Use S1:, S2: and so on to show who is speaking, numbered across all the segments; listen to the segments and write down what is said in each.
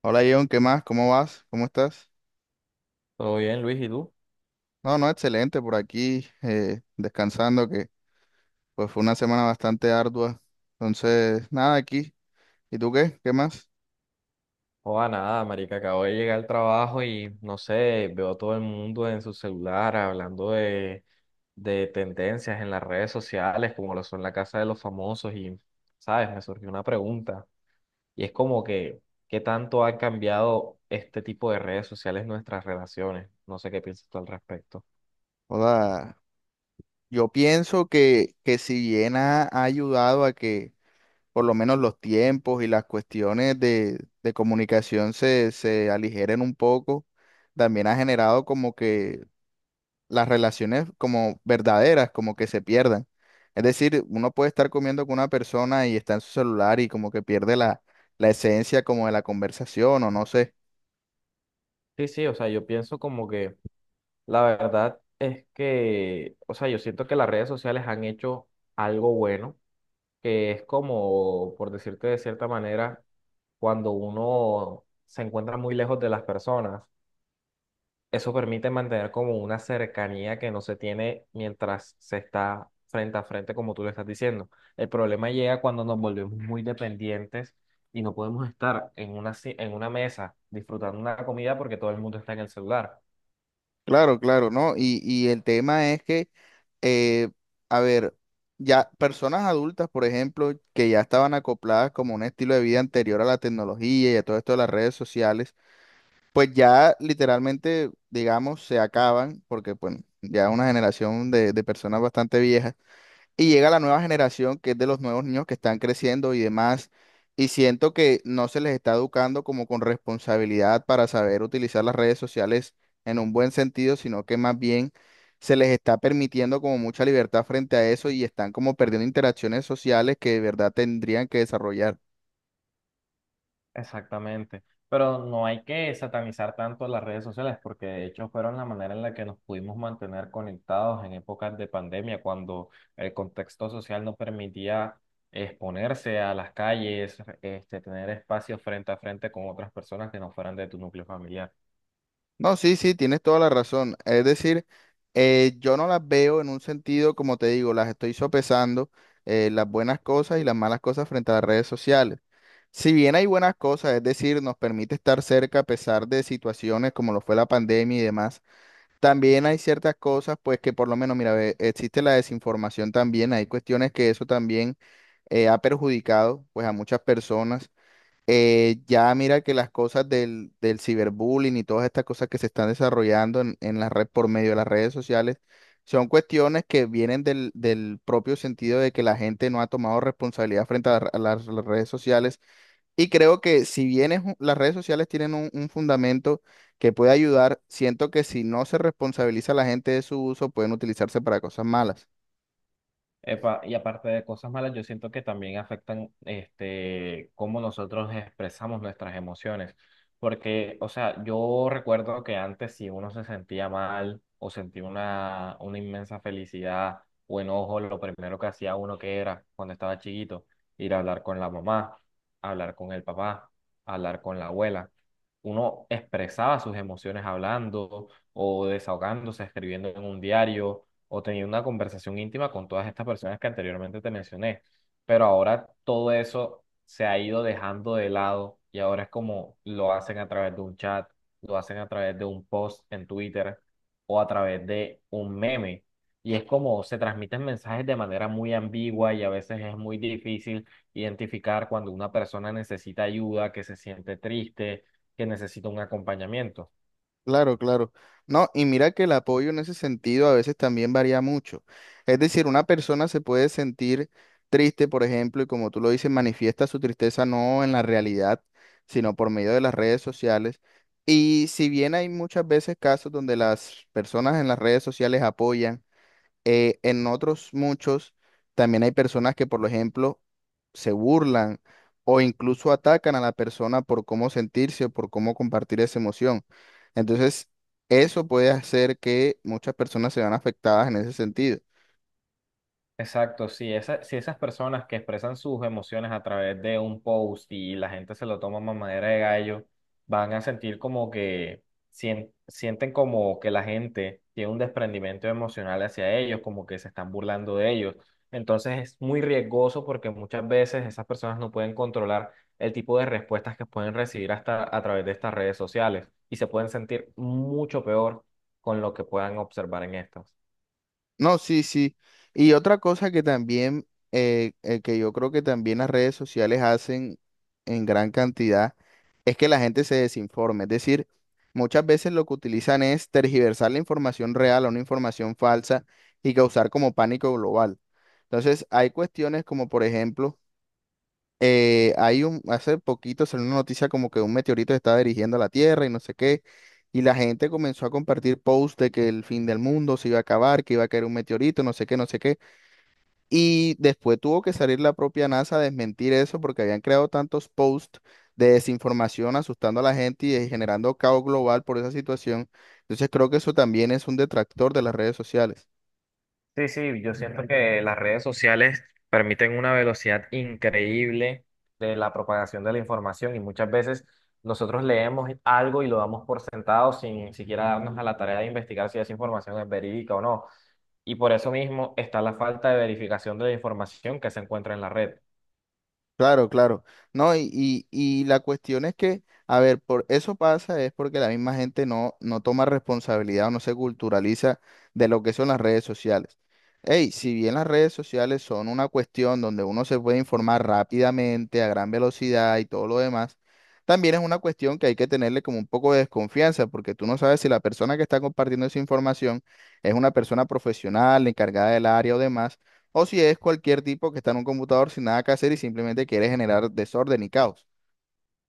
S1: Hola John, ¿qué más? ¿Cómo vas? ¿Cómo estás?
S2: Todo bien, Luis, ¿y tú?
S1: No, no, excelente por aquí, descansando, que pues fue una semana bastante ardua. Entonces, nada, aquí. ¿Y tú qué? ¿Qué más?
S2: Joda, nada, marica, acabo de llegar al trabajo y no sé, veo a todo el mundo en su celular hablando de tendencias en las redes sociales, como lo son la casa de los famosos, y, ¿sabes? Me surgió una pregunta, y es como que, ¿qué tanto han cambiado este tipo de redes sociales en nuestras relaciones? No sé qué piensas tú al respecto.
S1: Hola. Yo pienso que si bien ha ayudado a que por lo menos los tiempos y las cuestiones de comunicación se aligeren un poco, también ha generado como que las relaciones como verdaderas, como que se pierdan. Es decir, uno puede estar comiendo con una persona y está en su celular y como que pierde la esencia como de la conversación o no sé.
S2: Sí, sí, o sea, yo pienso como que la verdad es que, o sea, yo siento que las redes sociales han hecho algo bueno que es como, por decirte de cierta manera, cuando uno se encuentra muy lejos de las personas, eso permite mantener como una cercanía que no se tiene mientras se está frente a frente, como tú le estás diciendo. El problema llega cuando nos volvemos muy dependientes y no podemos estar en una, en una mesa disfrutando una comida porque todo el mundo está en el celular.
S1: Claro, claro, ¿no? Y el tema es que, eh, a ver, ya personas adultas, por ejemplo, que ya estaban acopladas como un estilo de vida anterior a la tecnología y a todo esto de las redes sociales, pues ya literalmente, digamos, se acaban, porque, bueno, ya es una generación de personas bastante viejas y llega la nueva generación que es de los nuevos niños que están creciendo y demás, y siento que no se les está educando como con responsabilidad para saber utilizar las redes sociales en un buen sentido, sino que más bien se les está permitiendo como mucha libertad frente a eso y están como perdiendo interacciones sociales que de verdad tendrían que desarrollar.
S2: Exactamente. Pero no hay que satanizar tanto las redes sociales porque de hecho fueron la manera en la que nos pudimos mantener conectados en épocas de pandemia, cuando el contexto social no permitía exponerse a las calles, este, tener espacios frente a frente con otras personas que no fueran de tu núcleo familiar.
S1: No, sí, sí, tienes toda la razón. Es decir, yo no las veo en un sentido, como te digo, las estoy sopesando, las buenas cosas y las malas cosas frente a las redes sociales. Si bien hay buenas cosas, es decir, nos permite estar cerca a pesar de situaciones como lo fue la pandemia y demás, también hay ciertas cosas, pues que por lo menos, mira, ve, existe la desinformación también, hay cuestiones que eso también ha perjudicado, pues a muchas personas, ya mira que las cosas del ciberbullying y todas estas cosas que se están desarrollando en la red por medio de las redes sociales son cuestiones que vienen del propio sentido de que la gente no ha tomado responsabilidad frente a, a las redes sociales. Y creo que si bien las redes sociales tienen un fundamento que puede ayudar, siento que si no se responsabiliza a la gente de su uso, pueden utilizarse para cosas malas.
S2: Epa, y aparte de cosas malas, yo siento que también afectan este, cómo nosotros expresamos nuestras emociones. Porque, o sea, yo recuerdo que antes si uno se sentía mal o sentía una inmensa felicidad o enojo, lo primero que hacía uno que era cuando estaba chiquito, ir a hablar con la mamá, hablar con el papá, hablar con la abuela. Uno expresaba sus emociones hablando o desahogándose, escribiendo en un diario o tenido una conversación íntima con todas estas personas que anteriormente te mencioné. Pero ahora todo eso se ha ido dejando de lado y ahora es como lo hacen a través de un chat, lo hacen a través de un post en Twitter o a través de un meme. Y es como se transmiten mensajes de manera muy ambigua y a veces es muy difícil identificar cuando una persona necesita ayuda, que se siente triste, que necesita un acompañamiento.
S1: Claro, claro. No, y mira que el apoyo en ese sentido a veces también varía mucho. Es decir, una persona se puede sentir triste, por ejemplo, y como tú lo dices, manifiesta su tristeza no en la realidad, sino por medio de las redes sociales. Y si bien hay muchas veces casos donde las personas en las redes sociales apoyan, en otros muchos también hay personas que, por ejemplo, se burlan o incluso atacan a la persona por cómo sentirse o por cómo compartir esa emoción. Entonces, eso puede hacer que muchas personas se vean afectadas en ese sentido.
S2: Exacto, si, si esas personas que expresan sus emociones a través de un post y la gente se lo toma a manera de gallo, van a sentir como que sienten como que la gente tiene un desprendimiento emocional hacia ellos, como que se están burlando de ellos. Entonces es muy riesgoso porque muchas veces esas personas no pueden controlar el tipo de respuestas que pueden recibir hasta a través de estas redes sociales y se pueden sentir mucho peor con lo que puedan observar en estas.
S1: No, sí, sí. Y otra cosa que también, que yo creo que también las redes sociales hacen en gran cantidad, es que la gente se desinforme. Es decir, muchas veces lo que utilizan es tergiversar la información real a una información falsa y causar como pánico global. Entonces, hay cuestiones como, por ejemplo, hace poquito salió una noticia como que un meteorito se estaba dirigiendo a la Tierra y no sé qué, y la gente comenzó a compartir posts de que el fin del mundo se iba a acabar, que iba a caer un meteorito, no sé qué, no sé qué, y después tuvo que salir la propia NASA a desmentir eso porque habían creado tantos posts de desinformación asustando a la gente y generando caos global por esa situación. Entonces creo que eso también es un detractor de las redes sociales.
S2: Sí, sí, yo siento que las redes sociales permiten una velocidad increíble de la propagación de la información y muchas veces nosotros leemos algo y lo damos por sentado sin siquiera darnos a la tarea de investigar si esa información es verídica o no. Y por eso mismo está la falta de verificación de la información que se encuentra en la red.
S1: Claro, claro. No, y la cuestión es que, a ver, por eso pasa es porque la misma gente no toma responsabilidad o no se culturaliza de lo que son las redes sociales. Hey, si bien las redes sociales son una cuestión donde uno se puede informar rápidamente, a gran velocidad y todo lo demás, también es una cuestión que hay que tenerle como un poco de desconfianza, porque tú no sabes si la persona que está compartiendo esa información es una persona profesional, encargada del área o demás o si es cualquier tipo que está en un computador sin nada que hacer y simplemente quiere generar desorden y caos.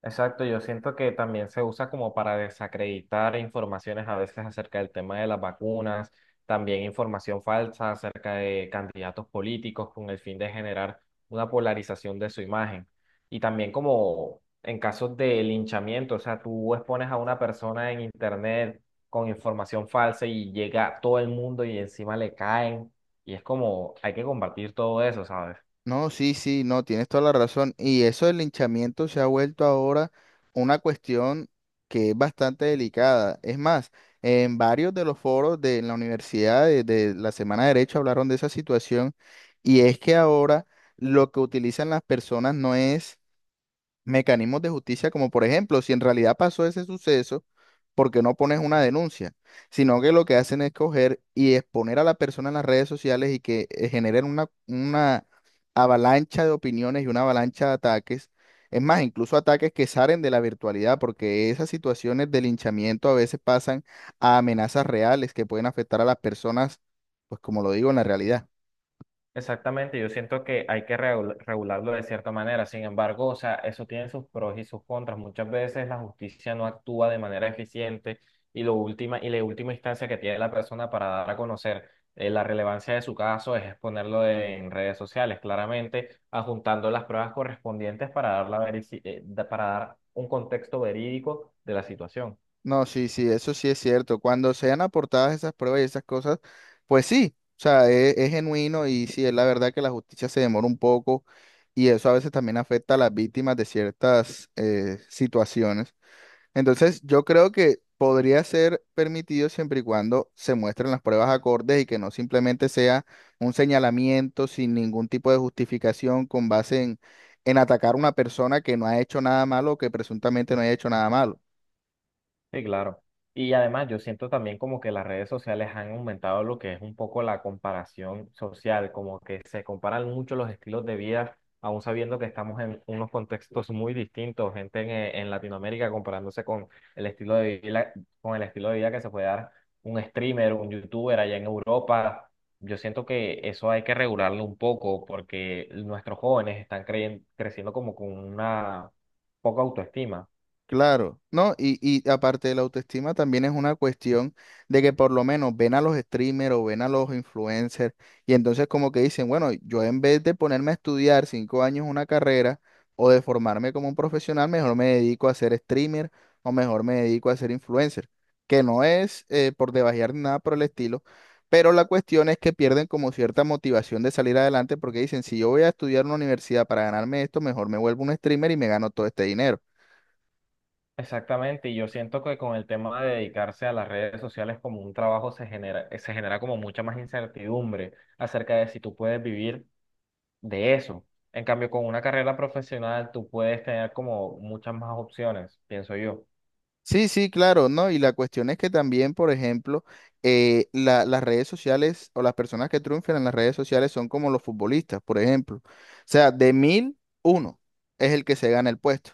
S2: Exacto, yo siento que también se usa como para desacreditar informaciones a veces acerca del tema de las vacunas, también información falsa acerca de candidatos políticos con el fin de generar una polarización de su imagen. Y también como en casos de linchamiento, o sea, tú expones a una persona en internet con información falsa y llega a todo el mundo y encima le caen. Y es como, hay que combatir todo eso, ¿sabes?
S1: No, sí, sí, no, tienes toda la razón. Y eso del linchamiento se ha vuelto ahora una cuestión que es bastante delicada. Es más, en varios de los foros de la universidad de la Semana de Derecho hablaron de esa situación y es que ahora lo que utilizan las personas no es mecanismos de justicia, como por ejemplo, si en realidad pasó ese suceso, ¿por qué no pones una denuncia? Sino que lo que hacen es coger y exponer a la persona en las redes sociales y que generen una avalancha de opiniones y una avalancha de ataques. Es más, incluso ataques que salen de la virtualidad, porque esas situaciones de linchamiento a veces pasan a amenazas reales que pueden afectar a las personas, pues como lo digo, en la realidad.
S2: Exactamente, yo siento que hay que regularlo de cierta manera, sin embargo, o sea, eso tiene sus pros y sus contras. Muchas veces la justicia no actúa de manera eficiente y, la última instancia que tiene la persona para dar a conocer la relevancia de su caso es exponerlo en redes sociales, claramente adjuntando las pruebas correspondientes para dar, para dar un contexto verídico de la situación.
S1: No, sí, sí, eso sí es cierto. Cuando sean aportadas esas pruebas y esas cosas, pues sí, o sea, es, genuino y sí, es la verdad que la justicia se demora un poco y eso a veces también afecta a las víctimas de ciertas situaciones. Entonces, yo creo que podría ser permitido siempre y cuando se muestren las pruebas acordes y que no simplemente sea un señalamiento sin ningún tipo de justificación con base en atacar a una persona que no ha hecho nada malo o que presuntamente no haya hecho nada malo.
S2: Sí, claro. Y además yo siento también como que las redes sociales han aumentado lo que es un poco la comparación social, como que se comparan mucho los estilos de vida, aún sabiendo que estamos en unos contextos muy distintos, gente en Latinoamérica comparándose con el estilo de vida, con el estilo de vida que se puede dar un streamer, un youtuber allá en Europa. Yo siento que eso hay que regularlo un poco porque nuestros jóvenes están creciendo como con una poca autoestima.
S1: Claro, ¿no? Y aparte de la autoestima también es una cuestión de que por lo menos ven a los streamers o ven a los influencers y entonces como que dicen, bueno, yo en vez de ponerme a estudiar 5 años una carrera o de formarme como un profesional, mejor me dedico a ser streamer o mejor me dedico a ser influencer, que no es por debajear ni nada por el estilo, pero la cuestión es que pierden como cierta motivación de salir adelante porque dicen, si yo voy a estudiar en una universidad para ganarme esto, mejor me vuelvo un streamer y me gano todo este dinero.
S2: Exactamente, y yo siento que con el tema de dedicarse a las redes sociales como un trabajo se genera como mucha más incertidumbre acerca de si tú puedes vivir de eso. En cambio, con una carrera profesional tú puedes tener como muchas más opciones, pienso yo.
S1: Sí, sí, claro, ¿no? Y la cuestión es que también, por ejemplo, las redes sociales o las personas que triunfan en las redes sociales son como los futbolistas, por ejemplo. O sea, de mil, uno es el que se gana el puesto.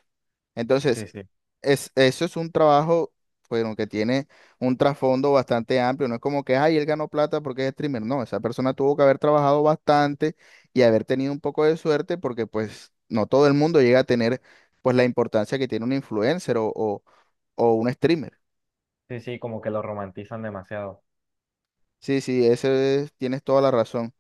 S1: Entonces,
S2: Sí, sí.
S1: es, eso es un trabajo, bueno, que tiene un trasfondo bastante amplio. No es como que, ay, él ganó plata porque es streamer. No, esa persona tuvo que haber trabajado bastante y haber tenido un poco de suerte porque, pues, no todo el mundo llega a tener, pues, la importancia que tiene un influencer o un streamer.
S2: Sí, sí, como que lo romantizan demasiado.
S1: Sí, sí, tienes toda la razón.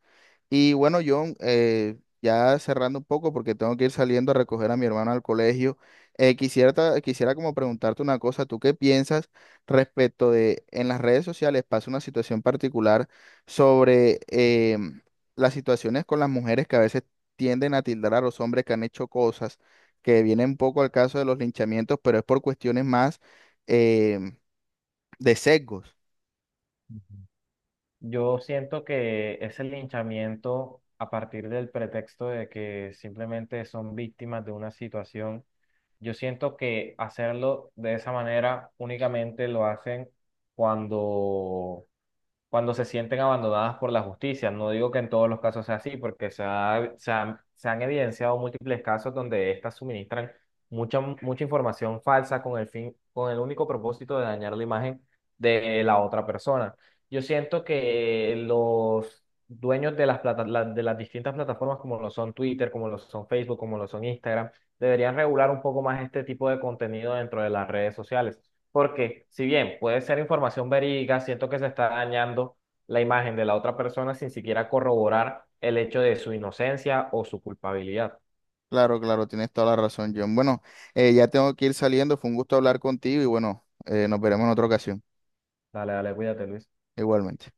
S1: Y bueno, John, ya cerrando un poco porque tengo que ir saliendo a recoger a mi hermano al colegio, quisiera como preguntarte una cosa, ¿tú qué piensas respecto de en las redes sociales pasa una situación particular sobre las situaciones con las mujeres que a veces tienden a tildar a los hombres que han hecho cosas que vienen un poco al caso de los linchamientos, pero es por cuestiones más em, de sesgos?
S2: Ujú. Yo siento que ese linchamiento a partir del pretexto de que simplemente son víctimas de una situación, yo siento que hacerlo de esa manera únicamente lo hacen cuando cuando se sienten abandonadas por la justicia. No digo que en todos los casos sea así, porque se han evidenciado múltiples casos donde estas suministran mucha información falsa con el fin, con el único propósito de dañar la imagen de la otra persona. Yo siento que los dueños de las, de las distintas plataformas, como lo son Twitter, como lo son Facebook, como lo son Instagram, deberían regular un poco más este tipo de contenido dentro de las redes sociales. Porque si bien puede ser información verídica, siento que se está dañando la imagen de la otra persona sin siquiera corroborar el hecho de su inocencia o su culpabilidad.
S1: Claro, claro, tienes toda la razón, John. Bueno, ya tengo que ir saliendo, fue un gusto hablar contigo y bueno, nos veremos en otra ocasión,
S2: Dale, dale, cuídate, Luis.
S1: igualmente.